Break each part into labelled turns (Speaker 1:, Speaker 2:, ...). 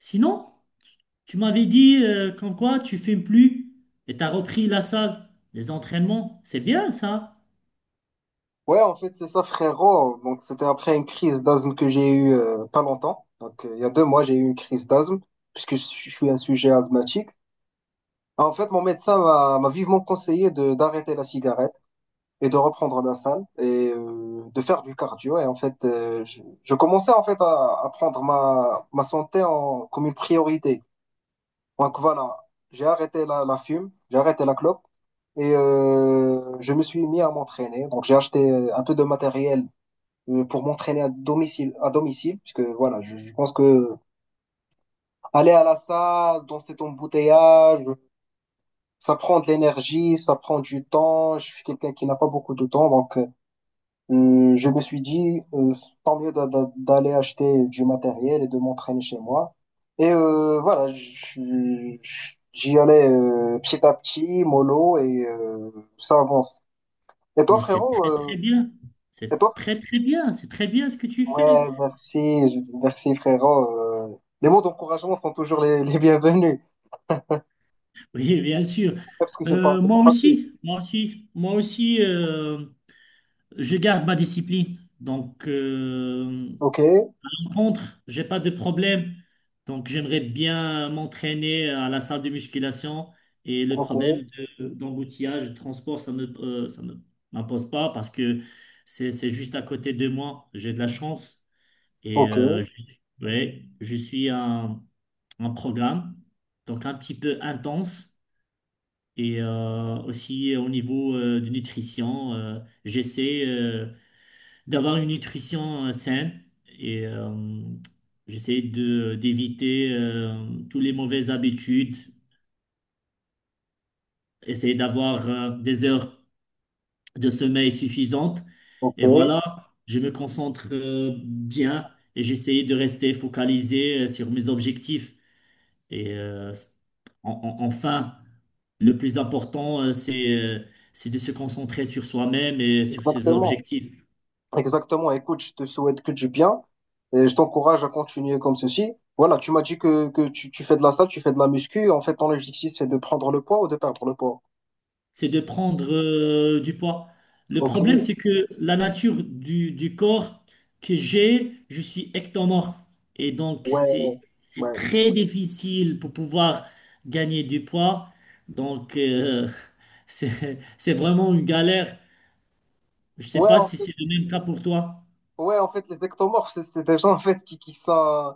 Speaker 1: Sinon, tu m'avais dit qu'en quoi tu fumes plus et t'as repris la salle, les entraînements. C'est bien ça,
Speaker 2: Ouais, en fait, c'est ça, frérot. Donc, c'était après une crise d'asthme que j'ai eue pas longtemps. Donc, il y a 2 mois, j'ai eu une crise d'asthme, puisque je suis un sujet asthmatique. En fait, mon médecin m'a vivement conseillé de d'arrêter la cigarette et de reprendre la salle et de faire du cardio. Et en fait, je commençais en fait à prendre ma santé en, comme une priorité. Donc, voilà, j'ai arrêté la fume, j'ai arrêté la clope. Et je me suis mis à m'entraîner. Donc, j'ai acheté un peu de matériel pour m'entraîner à domicile, puisque voilà, je pense que aller à la salle dans cet embouteillage, ça prend de l'énergie, ça prend du temps. Je suis quelqu'un qui n'a pas beaucoup de temps, donc je me suis dit tant mieux d'aller acheter du matériel et de m'entraîner chez moi. Et voilà, j'y allais petit à petit, mollo, et ça avance. Et toi,
Speaker 1: mais c'est
Speaker 2: frérot,
Speaker 1: très très bien.
Speaker 2: et
Speaker 1: C'est
Speaker 2: toi,
Speaker 1: très très bien, c'est très bien ce que tu fais.
Speaker 2: ouais, merci, merci frérot. Les mots d'encouragement sont toujours les bienvenus,
Speaker 1: Oui, bien sûr.
Speaker 2: ouais, parce que c'est pas
Speaker 1: Moi
Speaker 2: facile.
Speaker 1: aussi, moi aussi, moi aussi, je garde ma discipline. Donc,
Speaker 2: Ok,
Speaker 1: contre, j'ai pas de problème. Donc, j'aimerais bien m'entraîner à la salle de musculation et le
Speaker 2: ok,
Speaker 1: problème d'embouteillage, de transport, ça me m'impose pas parce que c'est juste à côté de moi. J'ai de la chance et
Speaker 2: ok,
Speaker 1: je, ouais, je suis un programme donc un petit peu intense et aussi au niveau de nutrition, j'essaie d'avoir une nutrition saine et j'essaie de d'éviter toutes les mauvaises habitudes, essayer d'avoir des heures de sommeil suffisantes et
Speaker 2: ok,
Speaker 1: voilà, je me concentre bien et j'essaie de rester focalisé sur mes objectifs et enfin le plus important c'est de se concentrer sur soi-même et sur ses
Speaker 2: exactement,
Speaker 1: objectifs.
Speaker 2: exactement. Écoute, je te souhaite que du bien et je t'encourage à continuer comme ceci. Voilà, tu m'as dit que tu fais de la salle, tu fais de la muscu. En fait, ton objectif, c'est de prendre le poids ou de perdre le poids.
Speaker 1: C'est de prendre du poids. Le
Speaker 2: Ok,
Speaker 1: problème, c'est que la nature du corps que j'ai, je suis ectomorphe. Et donc,
Speaker 2: ouais,
Speaker 1: c'est
Speaker 2: ouais.
Speaker 1: très difficile pour pouvoir gagner du poids. Donc, c'est vraiment une galère. Je sais
Speaker 2: Ouais,
Speaker 1: pas
Speaker 2: en
Speaker 1: si
Speaker 2: fait,
Speaker 1: c'est le même cas pour toi.
Speaker 2: ouais, en fait, les ectomorphes, c'est des gens, en fait, qui sont,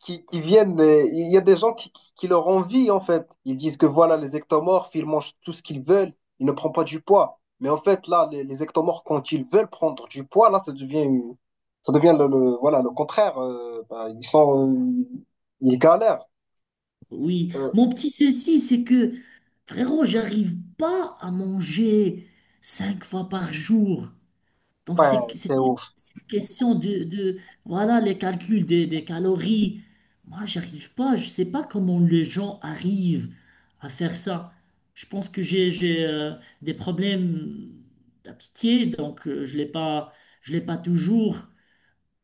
Speaker 2: qui viennent, il y a des gens qui leur envient en fait. Ils disent que voilà, les ectomorphes, ils mangent tout ce qu'ils veulent, ils ne prennent pas du poids. Mais en fait, là, les ectomorphes, quand ils veulent prendre du poids, là, ça devient voilà, le contraire. Ils sont, ils galèrent.
Speaker 1: Oui.
Speaker 2: Euh,
Speaker 1: Mon petit souci, c'est que frérot, j'arrive pas à manger cinq fois par jour. Donc,
Speaker 2: c'est ouf.
Speaker 1: c'est une question de voilà, les calculs des calories. Moi, j'arrive pas. Je sais pas comment les gens arrivent à faire ça. Je pense que j'ai, des problèmes d'appétit, donc je l'ai pas toujours.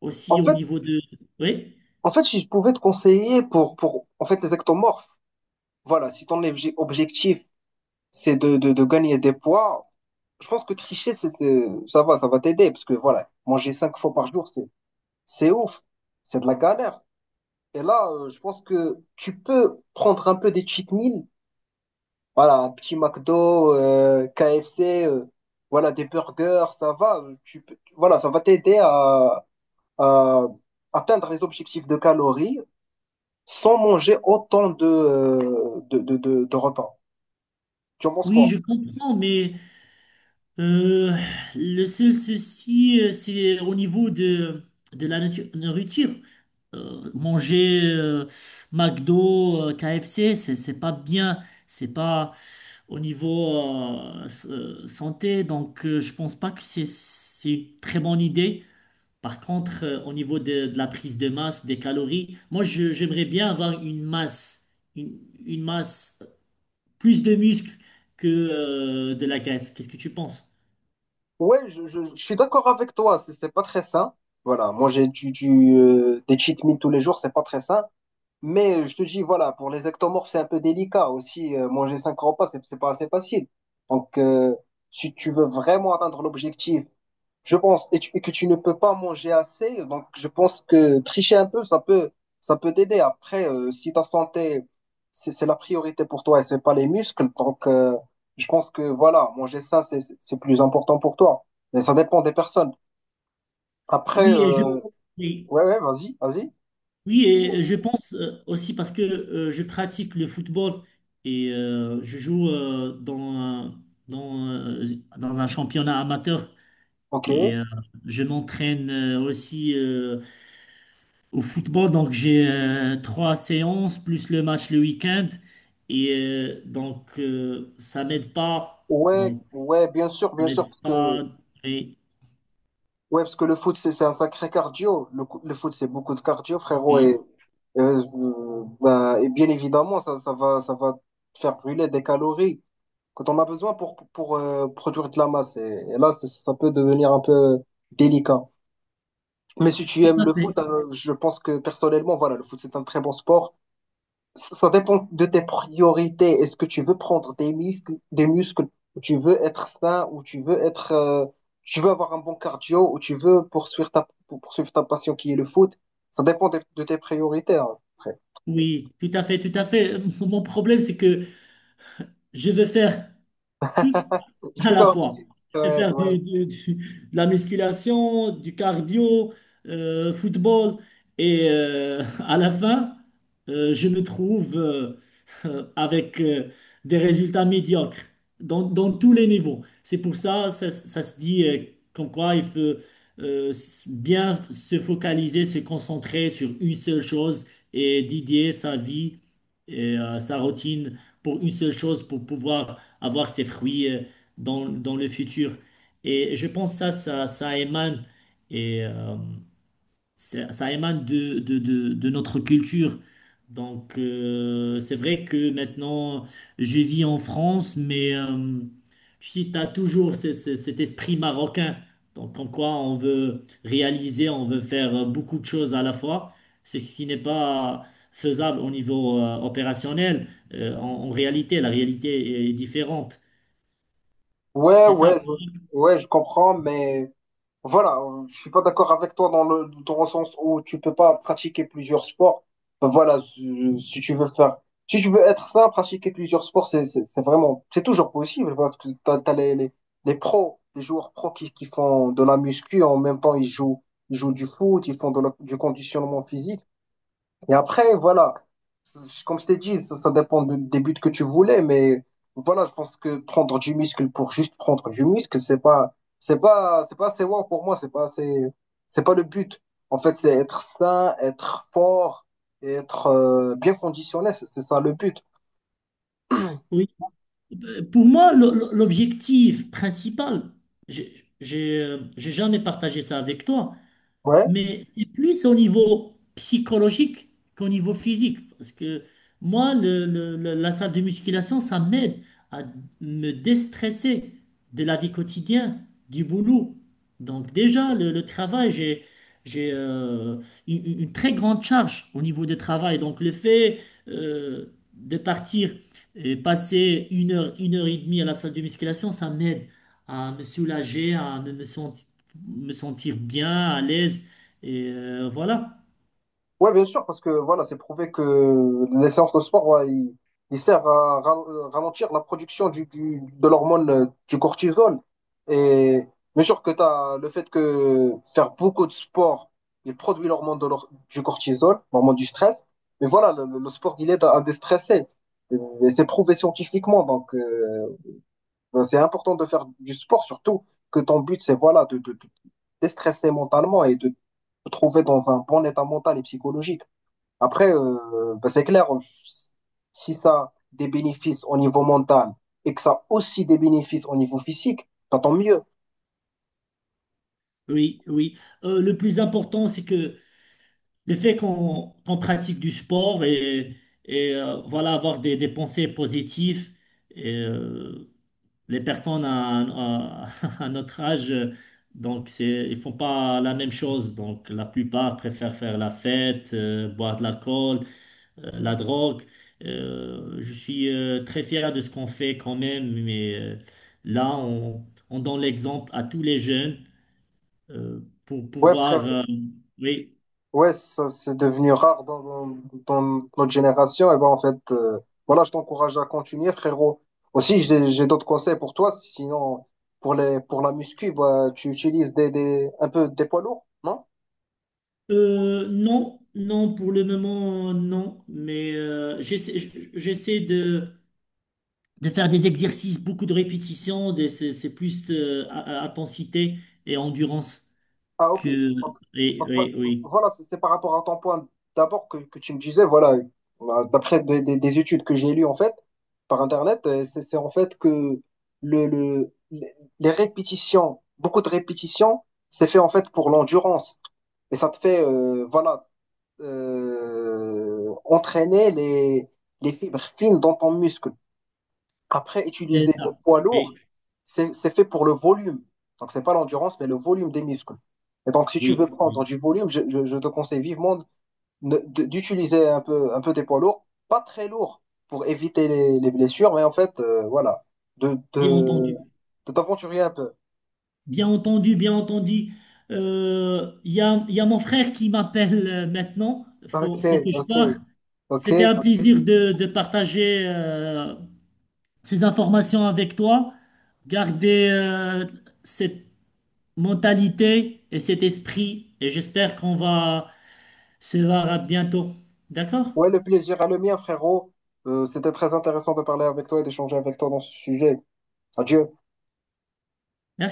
Speaker 1: Aussi
Speaker 2: En
Speaker 1: au
Speaker 2: fait,
Speaker 1: niveau de, oui,
Speaker 2: en fait, si je pouvais te conseiller pour en fait, les ectomorphes, voilà, si ton objectif, c'est de gagner des poids. Je pense que tricher, ça va t'aider, parce que voilà, manger 5 fois par jour, c'est ouf, c'est de la galère. Et là, je pense que tu peux prendre un peu des cheat meals, voilà, un petit McDo, KFC, voilà, des burgers, ça va, tu peux, voilà, ça va t'aider à atteindre les objectifs de calories sans manger autant de repas. Tu en penses
Speaker 1: oui,
Speaker 2: quoi?
Speaker 1: je comprends, mais euh, le seul souci, c'est au niveau de la nourriture. Manger McDo, KFC, c'est pas bien, c'est pas au niveau santé, donc je pense pas que c'est une très bonne idée. Par contre, au niveau de la prise de masse, des calories, j'aimerais bien avoir une masse, une, une masse plus de muscles que de la graisse. Qu'est-ce que tu penses?
Speaker 2: Ouais, je suis d'accord avec toi, c'est pas très sain. Voilà, manger des cheat meals tous les jours, c'est pas très sain. Mais je te dis, voilà, pour les ectomorphes, c'est un peu délicat aussi. Manger 5 repas, c'est pas assez facile. Donc, si tu veux vraiment atteindre l'objectif je pense, et que tu ne peux pas manger assez, donc je pense que tricher un peu, ça peut t'aider. Après, si ta santé, c'est la priorité pour toi et c'est pas les muscles, donc je pense que voilà, manger sain, c'est plus important pour toi. Mais ça dépend des personnes. Après,
Speaker 1: Oui, et je, oui,
Speaker 2: ouais, ouais, vas-y, vas-y.
Speaker 1: Oui, et je pense aussi parce que je pratique le football et je joue dans, euh, dans un championnat amateur et
Speaker 2: Ok.
Speaker 1: je m'entraîne aussi au football. Donc j'ai trois séances plus le match le week-end et donc ça m'aide pas.
Speaker 2: Ouais,
Speaker 1: Donc
Speaker 2: ouais,
Speaker 1: ça
Speaker 2: bien sûr,
Speaker 1: m'aide
Speaker 2: parce que
Speaker 1: pas. Et,
Speaker 2: ouais, parce que le foot, c'est un sacré cardio. Le, le foot, c'est beaucoup de cardio, frérot, et
Speaker 1: et-
Speaker 2: Et bien évidemment, ça va te faire brûler des calories quand on a besoin pour, produire de la masse. Et là, ça peut devenir un peu délicat. Mais si tu
Speaker 1: Tout
Speaker 2: aimes
Speaker 1: à
Speaker 2: le foot,
Speaker 1: fait.
Speaker 2: je pense que personnellement, voilà, le foot, c'est un très bon sport. Ça dépend de tes priorités. Est-ce que tu veux prendre des muscles, ou tu veux être sain, ou tu veux être, tu veux avoir un bon cardio, ou tu veux poursuivre poursuivre ta passion qui est le foot. Ça dépend de tes priorités. Hein.
Speaker 1: Oui, tout à fait, tout à fait. Mon problème, c'est que je veux faire tout à la
Speaker 2: D'accord.
Speaker 1: fois. Je vais
Speaker 2: Ouais,
Speaker 1: faire
Speaker 2: ouais.
Speaker 1: de la musculation, du cardio, football. Et à la fin, je me trouve avec des résultats médiocres dans tous les niveaux. C'est pour ça, ça se dit comme quoi il faut bien se focaliser, se concentrer sur une seule chose et dédier sa vie et sa routine pour une seule chose pour pouvoir avoir ses fruits. Dans le futur. Et je pense que ça émane, et, euh, ça émane de notre culture. Donc, c'est vrai que maintenant, je vis en France, mais tu sais, tu as toujours cet esprit marocain. Donc, en quoi on veut réaliser, on veut faire beaucoup de choses à la fois, ce qui n'est pas faisable au niveau opérationnel. En réalité, la réalité est différente.
Speaker 2: Ouais,
Speaker 1: C'est ça.
Speaker 2: ouais, ouais, je comprends, mais voilà, je suis pas d'accord avec toi dans dans le sens où tu peux pas pratiquer plusieurs sports. Ben voilà, si tu veux faire, si tu veux être sain, pratiquer plusieurs sports, c'est vraiment, c'est toujours possible parce que t'as les pros, les joueurs pros qui font de la muscu, en même temps, ils jouent du foot, ils font du conditionnement physique. Et après, voilà, comme je t'ai dit, ça dépend des buts que tu voulais, mais voilà, je pense que prendre du muscle pour juste prendre du muscle, c'est pas assez wow pour moi, c'est pas assez, c'est pas le but. En fait, c'est être sain, être fort, et être bien conditionné, c'est ça le but.
Speaker 1: Oui, pour moi, l'objectif principal, j'ai j'ai jamais partagé ça avec toi,
Speaker 2: Ouais,
Speaker 1: mais c'est plus au niveau psychologique qu'au niveau physique. Parce que moi, la salle de musculation, ça m'aide à me déstresser de la vie quotidienne, du boulot. Donc déjà, le travail, j'ai une très grande charge au niveau du travail. Donc le fait de partir et passer une heure et demie à la salle de musculation, ça m'aide à me soulager, à me sentir me sentir bien, à l'aise et voilà.
Speaker 2: ouais, bien sûr, parce que voilà, c'est prouvé que les séances de sport, ouais, ils servent à ralentir la production de l'hormone du cortisol. Et bien sûr que t'as le fait que faire beaucoup de sport, il produit l'hormone du cortisol, l'hormone du stress. Mais voilà, le sport, il aide à déstresser. Et c'est prouvé scientifiquement. Donc, ben, c'est important de faire du sport, surtout que ton but, c'est voilà, de déstresser mentalement et de te trouver dans un bon état mental et psychologique. Après, c'est clair, si ça a des bénéfices au niveau mental et que ça a aussi des bénéfices au niveau physique, bah, tant mieux.
Speaker 1: Oui, oui. Le plus important, c'est que le fait qu'on pratique du sport et voilà, avoir des pensées positives. Et, euh, les personnes à notre âge, donc c'est, ils font pas la même chose. Donc la plupart préfèrent faire la fête, boire de l'alcool, la drogue. Je suis très fier de ce qu'on fait quand même, mais là, on donne l'exemple à tous les jeunes pour
Speaker 2: Ouais, frère.
Speaker 1: pouvoir... oui.
Speaker 2: Ouais, ça, c'est devenu rare dans, dans, dans notre génération. Et ben en fait, voilà, je t'encourage à continuer, frérot. Aussi, j'ai d'autres conseils pour toi. Sinon, pour les, pour la muscu, bah, tu utilises un peu des poids lourds, non?
Speaker 1: Non, non, pour le moment, non. Mais j'essaie de faire des exercices, beaucoup de répétitions. C'est plus intensité et endurance
Speaker 2: Ah, ok.
Speaker 1: que...
Speaker 2: Donc,
Speaker 1: Oui,
Speaker 2: donc,
Speaker 1: oui, oui.
Speaker 2: voilà, c'est par rapport à ton point d'abord que tu me disais, voilà, bah, d'après des études que j'ai lues en fait par Internet, c'est en fait que le, les répétitions, beaucoup de répétitions, c'est fait en fait pour l'endurance. Et ça te fait, voilà, entraîner les fibres fines dans ton muscle. Après,
Speaker 1: C'est
Speaker 2: utiliser des
Speaker 1: ça.
Speaker 2: poids
Speaker 1: Oui,
Speaker 2: lourds, c'est fait pour le volume. Donc, c'est pas l'endurance, mais le volume des muscles. Et donc, si tu
Speaker 1: oui,
Speaker 2: veux prendre
Speaker 1: oui.
Speaker 2: du volume, je te conseille vivement d'utiliser un peu des poids lourds, pas très lourds, pour éviter les blessures, mais en fait, voilà, de,
Speaker 1: Bien
Speaker 2: de,
Speaker 1: entendu.
Speaker 2: de t'aventurer un peu.
Speaker 1: Bien entendu, bien entendu. Il y a mon frère qui m'appelle maintenant.
Speaker 2: Ok,
Speaker 1: Faut, faut que je
Speaker 2: ok,
Speaker 1: pars.
Speaker 2: ok.
Speaker 1: C'était un plaisir de partager ces informations avec toi. Garder cette mentalité et cet esprit. Et j'espère qu'on va se voir à bientôt. D'accord?
Speaker 2: Ouais, le plaisir à le mien, frérot. C'était très intéressant de parler avec toi et d'échanger avec toi dans ce sujet. Adieu.
Speaker 1: Merci.